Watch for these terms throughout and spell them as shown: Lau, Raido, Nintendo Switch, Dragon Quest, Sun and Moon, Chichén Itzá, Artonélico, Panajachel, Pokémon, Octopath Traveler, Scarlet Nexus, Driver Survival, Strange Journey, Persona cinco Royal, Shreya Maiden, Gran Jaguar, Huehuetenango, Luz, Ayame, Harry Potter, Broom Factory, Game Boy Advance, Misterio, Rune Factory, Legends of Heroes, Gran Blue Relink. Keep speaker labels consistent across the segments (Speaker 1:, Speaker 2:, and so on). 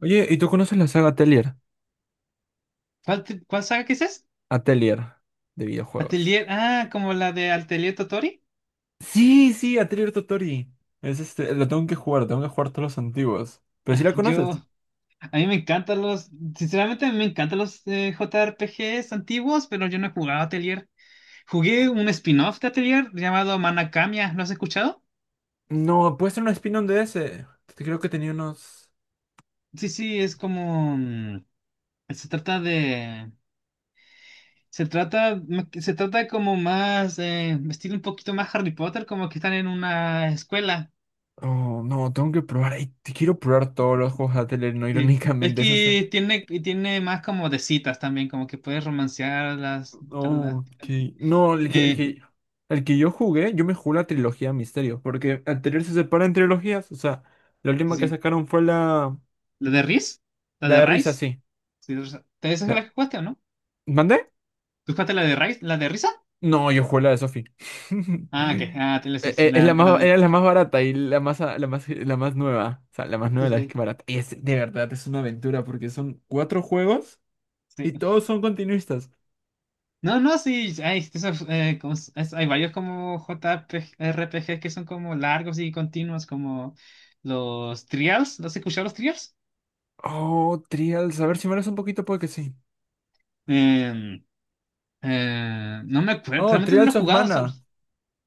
Speaker 1: Oye, ¿y tú conoces la saga Atelier?
Speaker 2: ¿Cuál, cuál saga que es esa?
Speaker 1: Atelier de videojuegos.
Speaker 2: Atelier, ah, como la de Atelier Totori.
Speaker 1: Sí, sí, Atelier Totori. Es lo tengo que jugar todos los antiguos. Pero si
Speaker 2: Ah,
Speaker 1: la
Speaker 2: yo,
Speaker 1: conoces.
Speaker 2: a mí me encantan los, sinceramente me encantan los JRPGs antiguos, pero yo no he jugado Atelier. Jugué un spin-off de Atelier llamado Manakamiya, ¿lo has escuchado?
Speaker 1: No, puede ser un spin-on de ese. Creo que tenía unos.
Speaker 2: Sí, sí, es como, se trata de, se trata como más, estilo un poquito más Harry Potter, como que están en una escuela.
Speaker 1: Oh, no, tengo que probar. Ay, te quiero probar todos los juegos de Atelier, no
Speaker 2: Sí, es
Speaker 1: irónicamente esa
Speaker 2: que
Speaker 1: saga.
Speaker 2: tiene más como de citas también, como que puedes romancear a las... A las
Speaker 1: Oh, ok. No, el que, el
Speaker 2: eh,
Speaker 1: que, el que yo me jugué la trilogía Misterio. Porque Atelier se separa en trilogías. O sea, la
Speaker 2: sí,
Speaker 1: última que
Speaker 2: sí.
Speaker 1: sacaron fue la.
Speaker 2: ¿La de Riz? ¿La
Speaker 1: La
Speaker 2: de
Speaker 1: de risa,
Speaker 2: Rice?
Speaker 1: sí.
Speaker 2: Sí, esa es
Speaker 1: La...
Speaker 2: la que jugaste, ¿o no?
Speaker 1: ¿Mandé?
Speaker 2: ¿Tú jugaste la de Rice? ¿La de Risa?
Speaker 1: No, yo jugué la de Sophie.
Speaker 2: Ah, ok. Ah, te la sí, sí,
Speaker 1: Es la más, era la más barata y la más nueva. O sea, la más
Speaker 2: sí,
Speaker 1: nueva, la
Speaker 2: sí.
Speaker 1: que barata. Y es, de verdad, es una aventura porque son cuatro juegos
Speaker 2: Sí.
Speaker 1: y todos son continuistas.
Speaker 2: No, no, sí. Hay, esos, hay varios como JRPG que son como largos y continuos, como los Trials. ¿Los has escuchado los Trials?
Speaker 1: Oh, Trials. A ver si me das un poquito, puede que sí.
Speaker 2: Em, no me acuerdo,
Speaker 1: Oh,
Speaker 2: realmente no lo
Speaker 1: Trials
Speaker 2: he
Speaker 1: of
Speaker 2: jugado.
Speaker 1: Mana.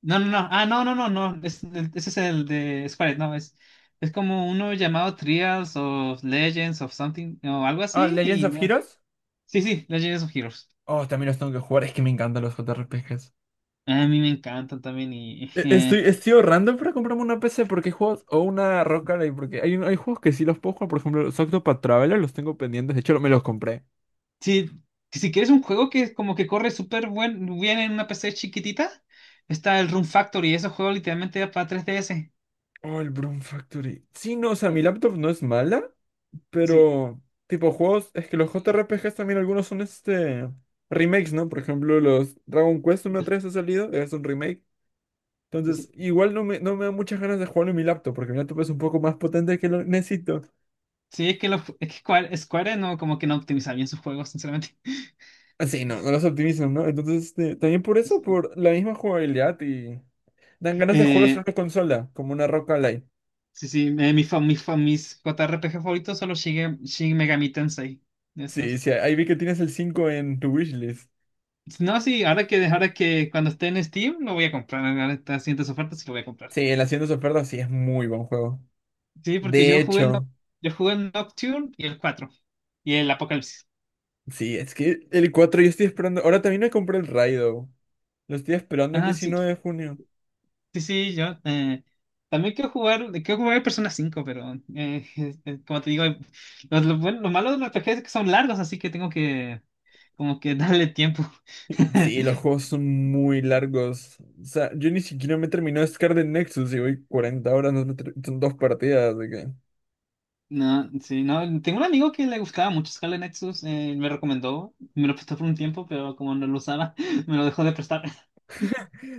Speaker 2: No, no, no. Ah, no, no, no, no. Ese es el de Squared, no, es como uno llamado Trials of Legends of Something o algo
Speaker 1: Ah,
Speaker 2: así.
Speaker 1: Legends
Speaker 2: Y
Speaker 1: of
Speaker 2: no.
Speaker 1: Heroes.
Speaker 2: Sí, sí, Legends of Heroes.
Speaker 1: Oh, también los tengo que jugar. Es que me encantan los JRPGs.
Speaker 2: A mí me encantan también.
Speaker 1: E- Estoy, estoy ahorrando para comprarme una PC porque hay juegos o una Rock Ally, porque hay juegos que sí los puedo jugar. Por ejemplo, los Octopath Traveler los tengo pendientes. De hecho, me los compré.
Speaker 2: Sí, si quieres un juego que como que corre súper bien en una PC chiquitita, está el Room Factory. Ese juego literalmente era para 3DS.
Speaker 1: Oh, el Broom Factory. Sí, no, o sea, mi
Speaker 2: Eh,
Speaker 1: laptop no es mala,
Speaker 2: Sí,
Speaker 1: pero tipo juegos, es que los JRPGs también algunos son remakes, ¿no? Por ejemplo, los Dragon Quest uno a 3 ha salido, es un remake.
Speaker 2: sí,
Speaker 1: Entonces,
Speaker 2: sí.
Speaker 1: igual no me da muchas ganas de jugarlo en mi laptop, porque mi laptop es un poco más potente que lo necesito.
Speaker 2: Sí, es que, es que Square no, como que no optimiza bien sus juegos, sinceramente.
Speaker 1: Así, no, no los optimizan, ¿no? Entonces, también por eso,
Speaker 2: Sí.
Speaker 1: por la misma jugabilidad y dan ganas de jugarlos
Speaker 2: Eh,
Speaker 1: en una consola, como una Rock Ally.
Speaker 2: Sí, sí, mis JRPG favoritos son los Shin Megami Tensei.
Speaker 1: Sí,
Speaker 2: Esos.
Speaker 1: sí, ahí vi que tienes el 5 en tu wishlist.
Speaker 2: No, sí, ahora que cuando esté en Steam lo voy a comprar. Ahora está haciendo sus ofertas y lo voy a comprar.
Speaker 1: Sí, en las tiendas de ofertas sí es muy buen juego.
Speaker 2: Sí, porque
Speaker 1: De
Speaker 2: yo jugué
Speaker 1: hecho,
Speaker 2: el Nocturne y el 4 y el Apocalipsis.
Speaker 1: sí, es que el 4 yo estoy esperando. Ahora también me compré el Raido. Lo estoy esperando el
Speaker 2: Ah, sí,
Speaker 1: 19 de junio.
Speaker 2: sí, sí, yo también quiero jugar, el Persona 5 pero como te digo, lo malo de los RPGs es que son largos, así que tengo que como que darle tiempo.
Speaker 1: Sí, los juegos son muy largos. O sea, yo ni siquiera me terminó Scarlet Nexus y voy 40 horas, no me ter- son dos partidas, así que...
Speaker 2: No, sí, no. Tengo un amigo que le gustaba mucho Scarlet Nexus, me recomendó, me lo prestó por un tiempo, pero como no lo usaba, me lo dejó de prestar.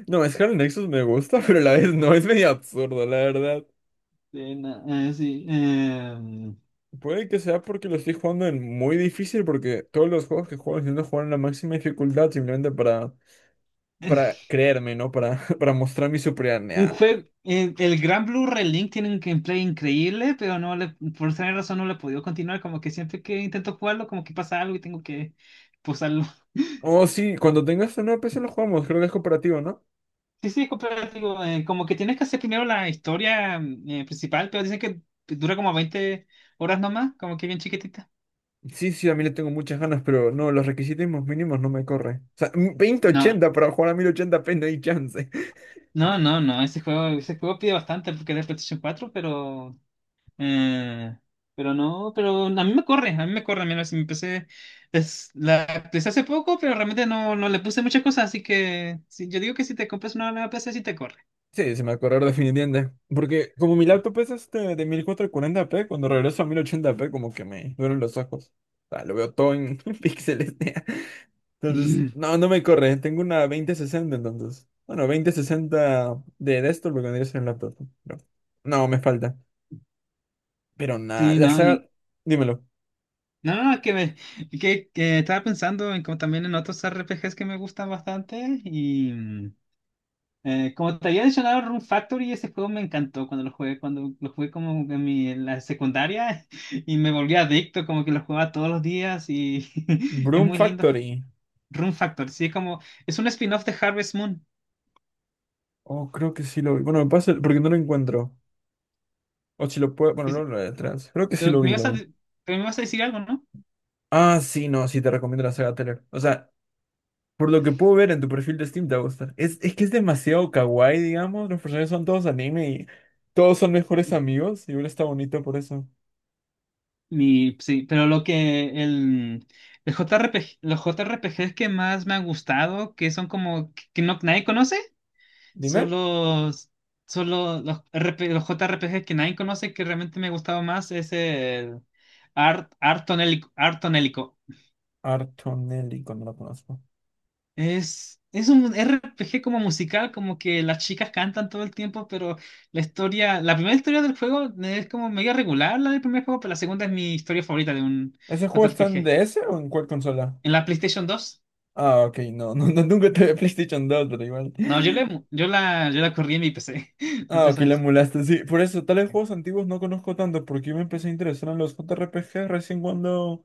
Speaker 1: No, Scarlet Nexus me gusta, pero a la vez no, es medio absurdo, la verdad.
Speaker 2: No, sí.
Speaker 1: Puede que sea porque lo estoy jugando en muy difícil, porque todos los juegos que juego intento jugar en la máxima dificultad simplemente para creerme, ¿no? Para, para mostrar mi
Speaker 2: Un
Speaker 1: superioridad. Nah.
Speaker 2: juego, el Gran Blue Relink tiene un gameplay increíble, pero no le, por esa razón no le he podido continuar, como que siempre que intento jugarlo, como que pasa algo y tengo que posarlo.
Speaker 1: Oh, sí, cuando tengas una nueva PC lo jugamos, creo que es cooperativo, ¿no?
Speaker 2: Sí, sí, es cooperativo, como que tienes que hacer primero la historia principal, pero dicen que dura como 20 horas nomás, como que bien chiquitita.
Speaker 1: Sí, sí, a mí le tengo muchas ganas, pero no, los requisitos mínimos no me corre. O sea,
Speaker 2: No.
Speaker 1: 2080 para jugar a 1080p no hay chance.
Speaker 2: No, no, no, ese juego pide bastante porque era de PlayStation 4 pero eh, pero no, pero a mí me corre, mira, si me empecé, la empecé hace poco, pero realmente no le puse muchas cosas, así que sí, yo digo que si te compras una nueva PC sí te corre.
Speaker 1: Sí, se me va a correr definitivamente. Porque como mi
Speaker 2: Sí.
Speaker 1: laptop es de 1440p, cuando regreso a 1080p como que me duelen los ojos. O sea, lo veo todo en píxeles, tía. Entonces, no, no me corre. Tengo una 2060 entonces. Bueno, 2060 de desktop lo que vendría a ser el laptop. Pero no, me falta. Pero nada,
Speaker 2: Sí,
Speaker 1: la
Speaker 2: no,
Speaker 1: saga...
Speaker 2: y
Speaker 1: Dímelo.
Speaker 2: no, no, no, que estaba pensando en como también en otros RPGs que me gustan bastante y como te había mencionado, Rune Factory, ese juego me encantó cuando lo jugué como en la secundaria y me volví adicto, como que lo jugaba todos los días y es
Speaker 1: Broom
Speaker 2: muy lindo.
Speaker 1: Factory.
Speaker 2: Rune Factory, sí, como es un spin-off de Harvest Moon.
Speaker 1: Oh, creo que sí lo vi. Bueno, me pasa porque no lo encuentro. O si lo puedo. Bueno,
Speaker 2: Sí,
Speaker 1: no
Speaker 2: sí.
Speaker 1: lo detrás. Creo que sí
Speaker 2: Pero
Speaker 1: lo vi, lo vi.
Speaker 2: me ibas a decir algo, ¿no?
Speaker 1: Ah, sí, no, sí te recomiendo la saga Teller. O sea, por lo que puedo ver en tu perfil de Steam te va a gustar. Es que es demasiado kawaii, digamos. Los personajes son todos anime y todos son mejores amigos. Y uno está bonito por eso.
Speaker 2: Sí, pero lo que el JRPG, los JRPGs que más me han gustado, que son como que no, nadie conoce. Son
Speaker 1: Dime.
Speaker 2: los, son los JRPG que nadie conoce que realmente me gustaba más. Es el Artonélico. Artonélico.
Speaker 1: Artonelli, cuando lo conozco.
Speaker 2: Es un RPG como musical, como que las chicas cantan todo el tiempo, pero la historia, la primera historia del juego es como medio regular, la del primer juego, pero la segunda es mi historia favorita de un
Speaker 1: ¿Ese juego
Speaker 2: J R P
Speaker 1: está en
Speaker 2: G
Speaker 1: DS o en cuál consola?
Speaker 2: En la PlayStation 2.
Speaker 1: Ah, ok, no, no, no, nunca te vi PlayStation 2, pero igual.
Speaker 2: No, yo la corrí en mi PC.
Speaker 1: Ah,
Speaker 2: Entonces,
Speaker 1: ok, la
Speaker 2: ¿sabes?
Speaker 1: emulaste. Sí, por eso, tales juegos antiguos no conozco tanto, porque yo me empecé a interesar en los JRPG recién cuando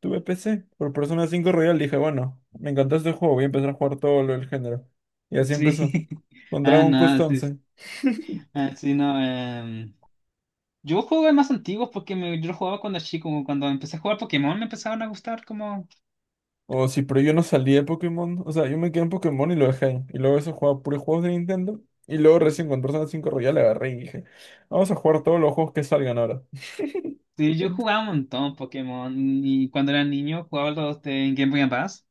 Speaker 1: tuve PC. Por Persona cinco Royal dije, bueno, me encantó este juego, voy a empezar a jugar todo lo del género. Y así
Speaker 2: Sí.
Speaker 1: empezó. Con
Speaker 2: Ah,
Speaker 1: Dragon Quest
Speaker 2: no, sí,
Speaker 1: 11.
Speaker 2: ah, sí, no. Yo jugué más antiguos porque yo lo jugaba cuando chico, como cuando empecé a jugar Pokémon me empezaron a gustar como...
Speaker 1: O sí, pero yo no salí de Pokémon. O sea, yo me quedé en Pokémon y lo dejé ahí. Y luego eso jugaba puros juegos de Nintendo. Y luego recién con Persona cinco Royal agarré y dije, vamos a jugar todos los juegos que salgan ahora.
Speaker 2: Sí, yo jugaba un montón Pokémon y cuando era niño jugaba los de Game Boy Advance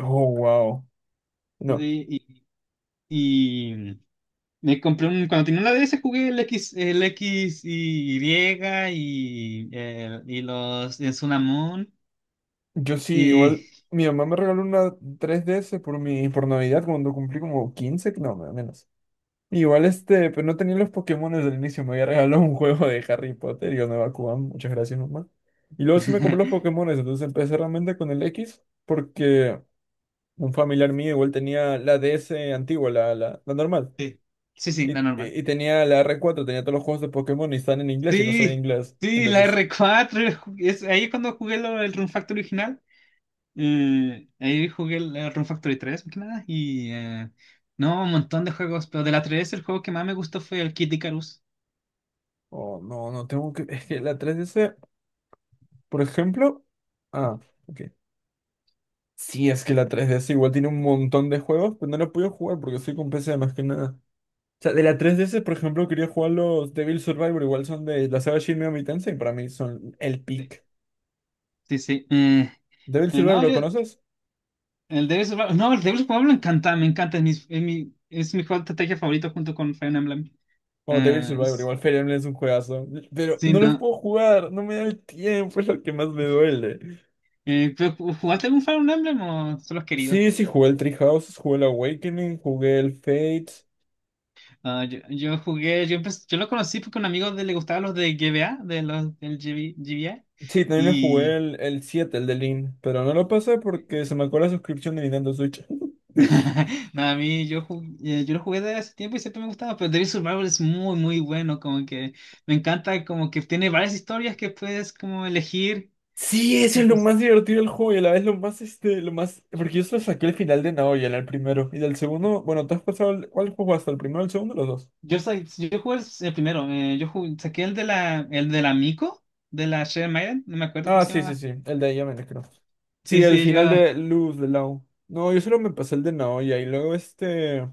Speaker 1: Oh, wow. No,
Speaker 2: y, y me compré un... Cuando tenía una DS jugué el X, y los de Sun and Moon
Speaker 1: yo sí,
Speaker 2: y...
Speaker 1: igual mi mamá me regaló una 3DS por Navidad cuando cumplí como 15 no, menos. Igual, pero no tenía los Pokémon desde el inicio, me había regalado un juego de Harry Potter y yo no Kugan, muchas gracias mamá. Y luego sí me compré los Pokémon, entonces empecé realmente con el X porque un familiar mío igual tenía la DS antigua, la normal.
Speaker 2: Sí, sí, sí,
Speaker 1: Y,
Speaker 2: la
Speaker 1: y,
Speaker 2: normal.
Speaker 1: y tenía la R4 tenía todos los juegos de Pokémon y están en inglés y no sabía
Speaker 2: Sí,
Speaker 1: inglés.
Speaker 2: sí, la
Speaker 1: Entonces,
Speaker 2: R4 ahí es cuando jugué el Rune Factor original. Ahí jugué el Rune Factory 3, más que nada, y no, un montón de juegos, pero de la 3 el juego que más me gustó fue el Kid Icarus.
Speaker 1: oh no, no tengo que, es que la 3DS... Por ejemplo. Ah, ok. Sí, es que la 3DS igual tiene un montón de juegos, pero no lo puedo jugar porque soy con PC más que nada. O sea, de la 3DS, por ejemplo, quería jugar los Devil Survivor, igual son de la saga Shin Megami Tensei, y para mí son el
Speaker 2: Sí,
Speaker 1: pick.
Speaker 2: sí, sí.
Speaker 1: ¿Devil Survivor
Speaker 2: No,
Speaker 1: lo
Speaker 2: yo,
Speaker 1: conoces?
Speaker 2: el Devil Survival- no, el Devil Survival me encanta, es mi, es mi juego de estrategia favorito junto con Fire Emblem.
Speaker 1: Oh, Devil
Speaker 2: Eh,
Speaker 1: Survivor,
Speaker 2: es-
Speaker 1: igual Fire Emblem es un juegazo. Pero
Speaker 2: sí,
Speaker 1: no los
Speaker 2: no.
Speaker 1: puedo jugar, no me da el tiempo, es lo que más me duele.
Speaker 2: Pero, ¿jugaste algún Fire Emblem o solo has querido?
Speaker 1: Sí, sí, jugué el Treehouse, jugué el Awakening, jugué el Fate.
Speaker 2: Ah, yo jugué, yo, empecé- yo lo conocí porque a un amigo le gustaba los de GBA, de los del GB, GBA.
Speaker 1: Sí, también me jugué el 7 el de Link, pero no lo pasé porque se me acabó la suscripción de Nintendo Switch.
Speaker 2: No, a mí yo, ju- yo lo jugué de hace tiempo y siempre me gustaba, pero Devil Survivor es muy, muy bueno, como que me encanta, como que tiene varias historias que puedes como elegir.
Speaker 1: Sí, eso es lo
Speaker 2: Entonces,
Speaker 1: más divertido del juego y a la vez lo más, lo más... Porque yo solo saqué el final de Naoya, el primero. Y del segundo, bueno, ¿te has pasado el... ¿Cuál juego hasta el primero, el segundo, los dos?
Speaker 2: yo jugué el primero, saqué el de la Miko, de la Shreya Maiden, no me acuerdo cómo
Speaker 1: Ah,
Speaker 2: se
Speaker 1: sí, sí,
Speaker 2: llamaba.
Speaker 1: sí, el de Ayame, creo. Sí,
Speaker 2: Sí,
Speaker 1: el
Speaker 2: sí, yo.
Speaker 1: final de Luz, de Lau. No, yo solo me pasé el de Naoya y luego este...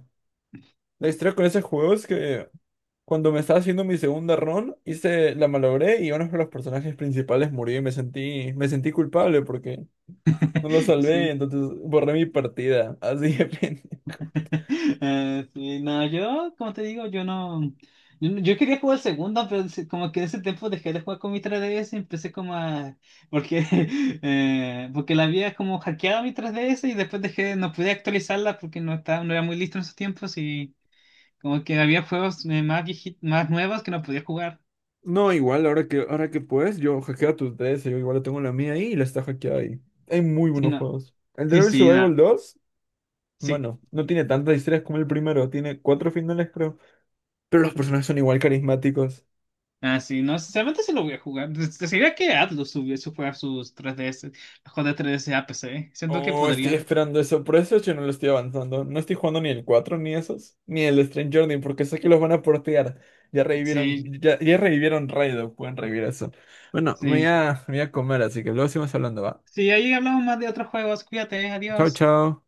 Speaker 1: La historia con ese juego es que... Cuando me estaba haciendo mi segunda run, hice, la malogré y uno de los personajes principales murió y me sentí culpable porque no lo salvé,
Speaker 2: Sí.
Speaker 1: entonces borré mi partida. Así de repente.
Speaker 2: Sí, no, yo, como te digo, yo no. Yo quería jugar segunda, pero como que en ese tiempo dejé de jugar con mi 3DS y empecé como a. Porque, porque la había como hackeado mi 3DS y después dejé, no pude actualizarla porque no estaba, no era muy listo en esos tiempos y como que había juegos más nuevos que no podía jugar.
Speaker 1: No, igual, ahora que puedes, yo hackeo a tu DS, yo igual tengo la mía ahí y la está hackeada ahí. Hay muy
Speaker 2: Sí,
Speaker 1: buenos
Speaker 2: no.
Speaker 1: juegos. El
Speaker 2: Sí,
Speaker 1: Driver
Speaker 2: sí, no.
Speaker 1: Survival 2
Speaker 2: Sí.
Speaker 1: bueno, no tiene tantas historias como el primero, tiene cuatro finales, creo. Pero los personajes son igual carismáticos.
Speaker 2: Ah, sí, no, sinceramente sí lo voy a jugar. Pues, sería que Atlus subiese a jugar sus 3DS, los juegos de 3DS a PC. Siento que
Speaker 1: Oh, estoy
Speaker 2: podrían.
Speaker 1: esperando eso. Por eso yo no lo estoy avanzando. No estoy jugando ni el 4 ni esos. Ni el Strange Journey, porque sé que los van a portear. Ya
Speaker 2: Sí,
Speaker 1: revivieron, ya revivieron Raido. Pueden revivir eso. Bueno, me voy
Speaker 2: sí.
Speaker 1: a, me voy a comer, así que luego seguimos hablando, ¿va?
Speaker 2: Sí, ahí hablamos más de otros juegos. Cuídate,
Speaker 1: Chao,
Speaker 2: adiós.
Speaker 1: chao.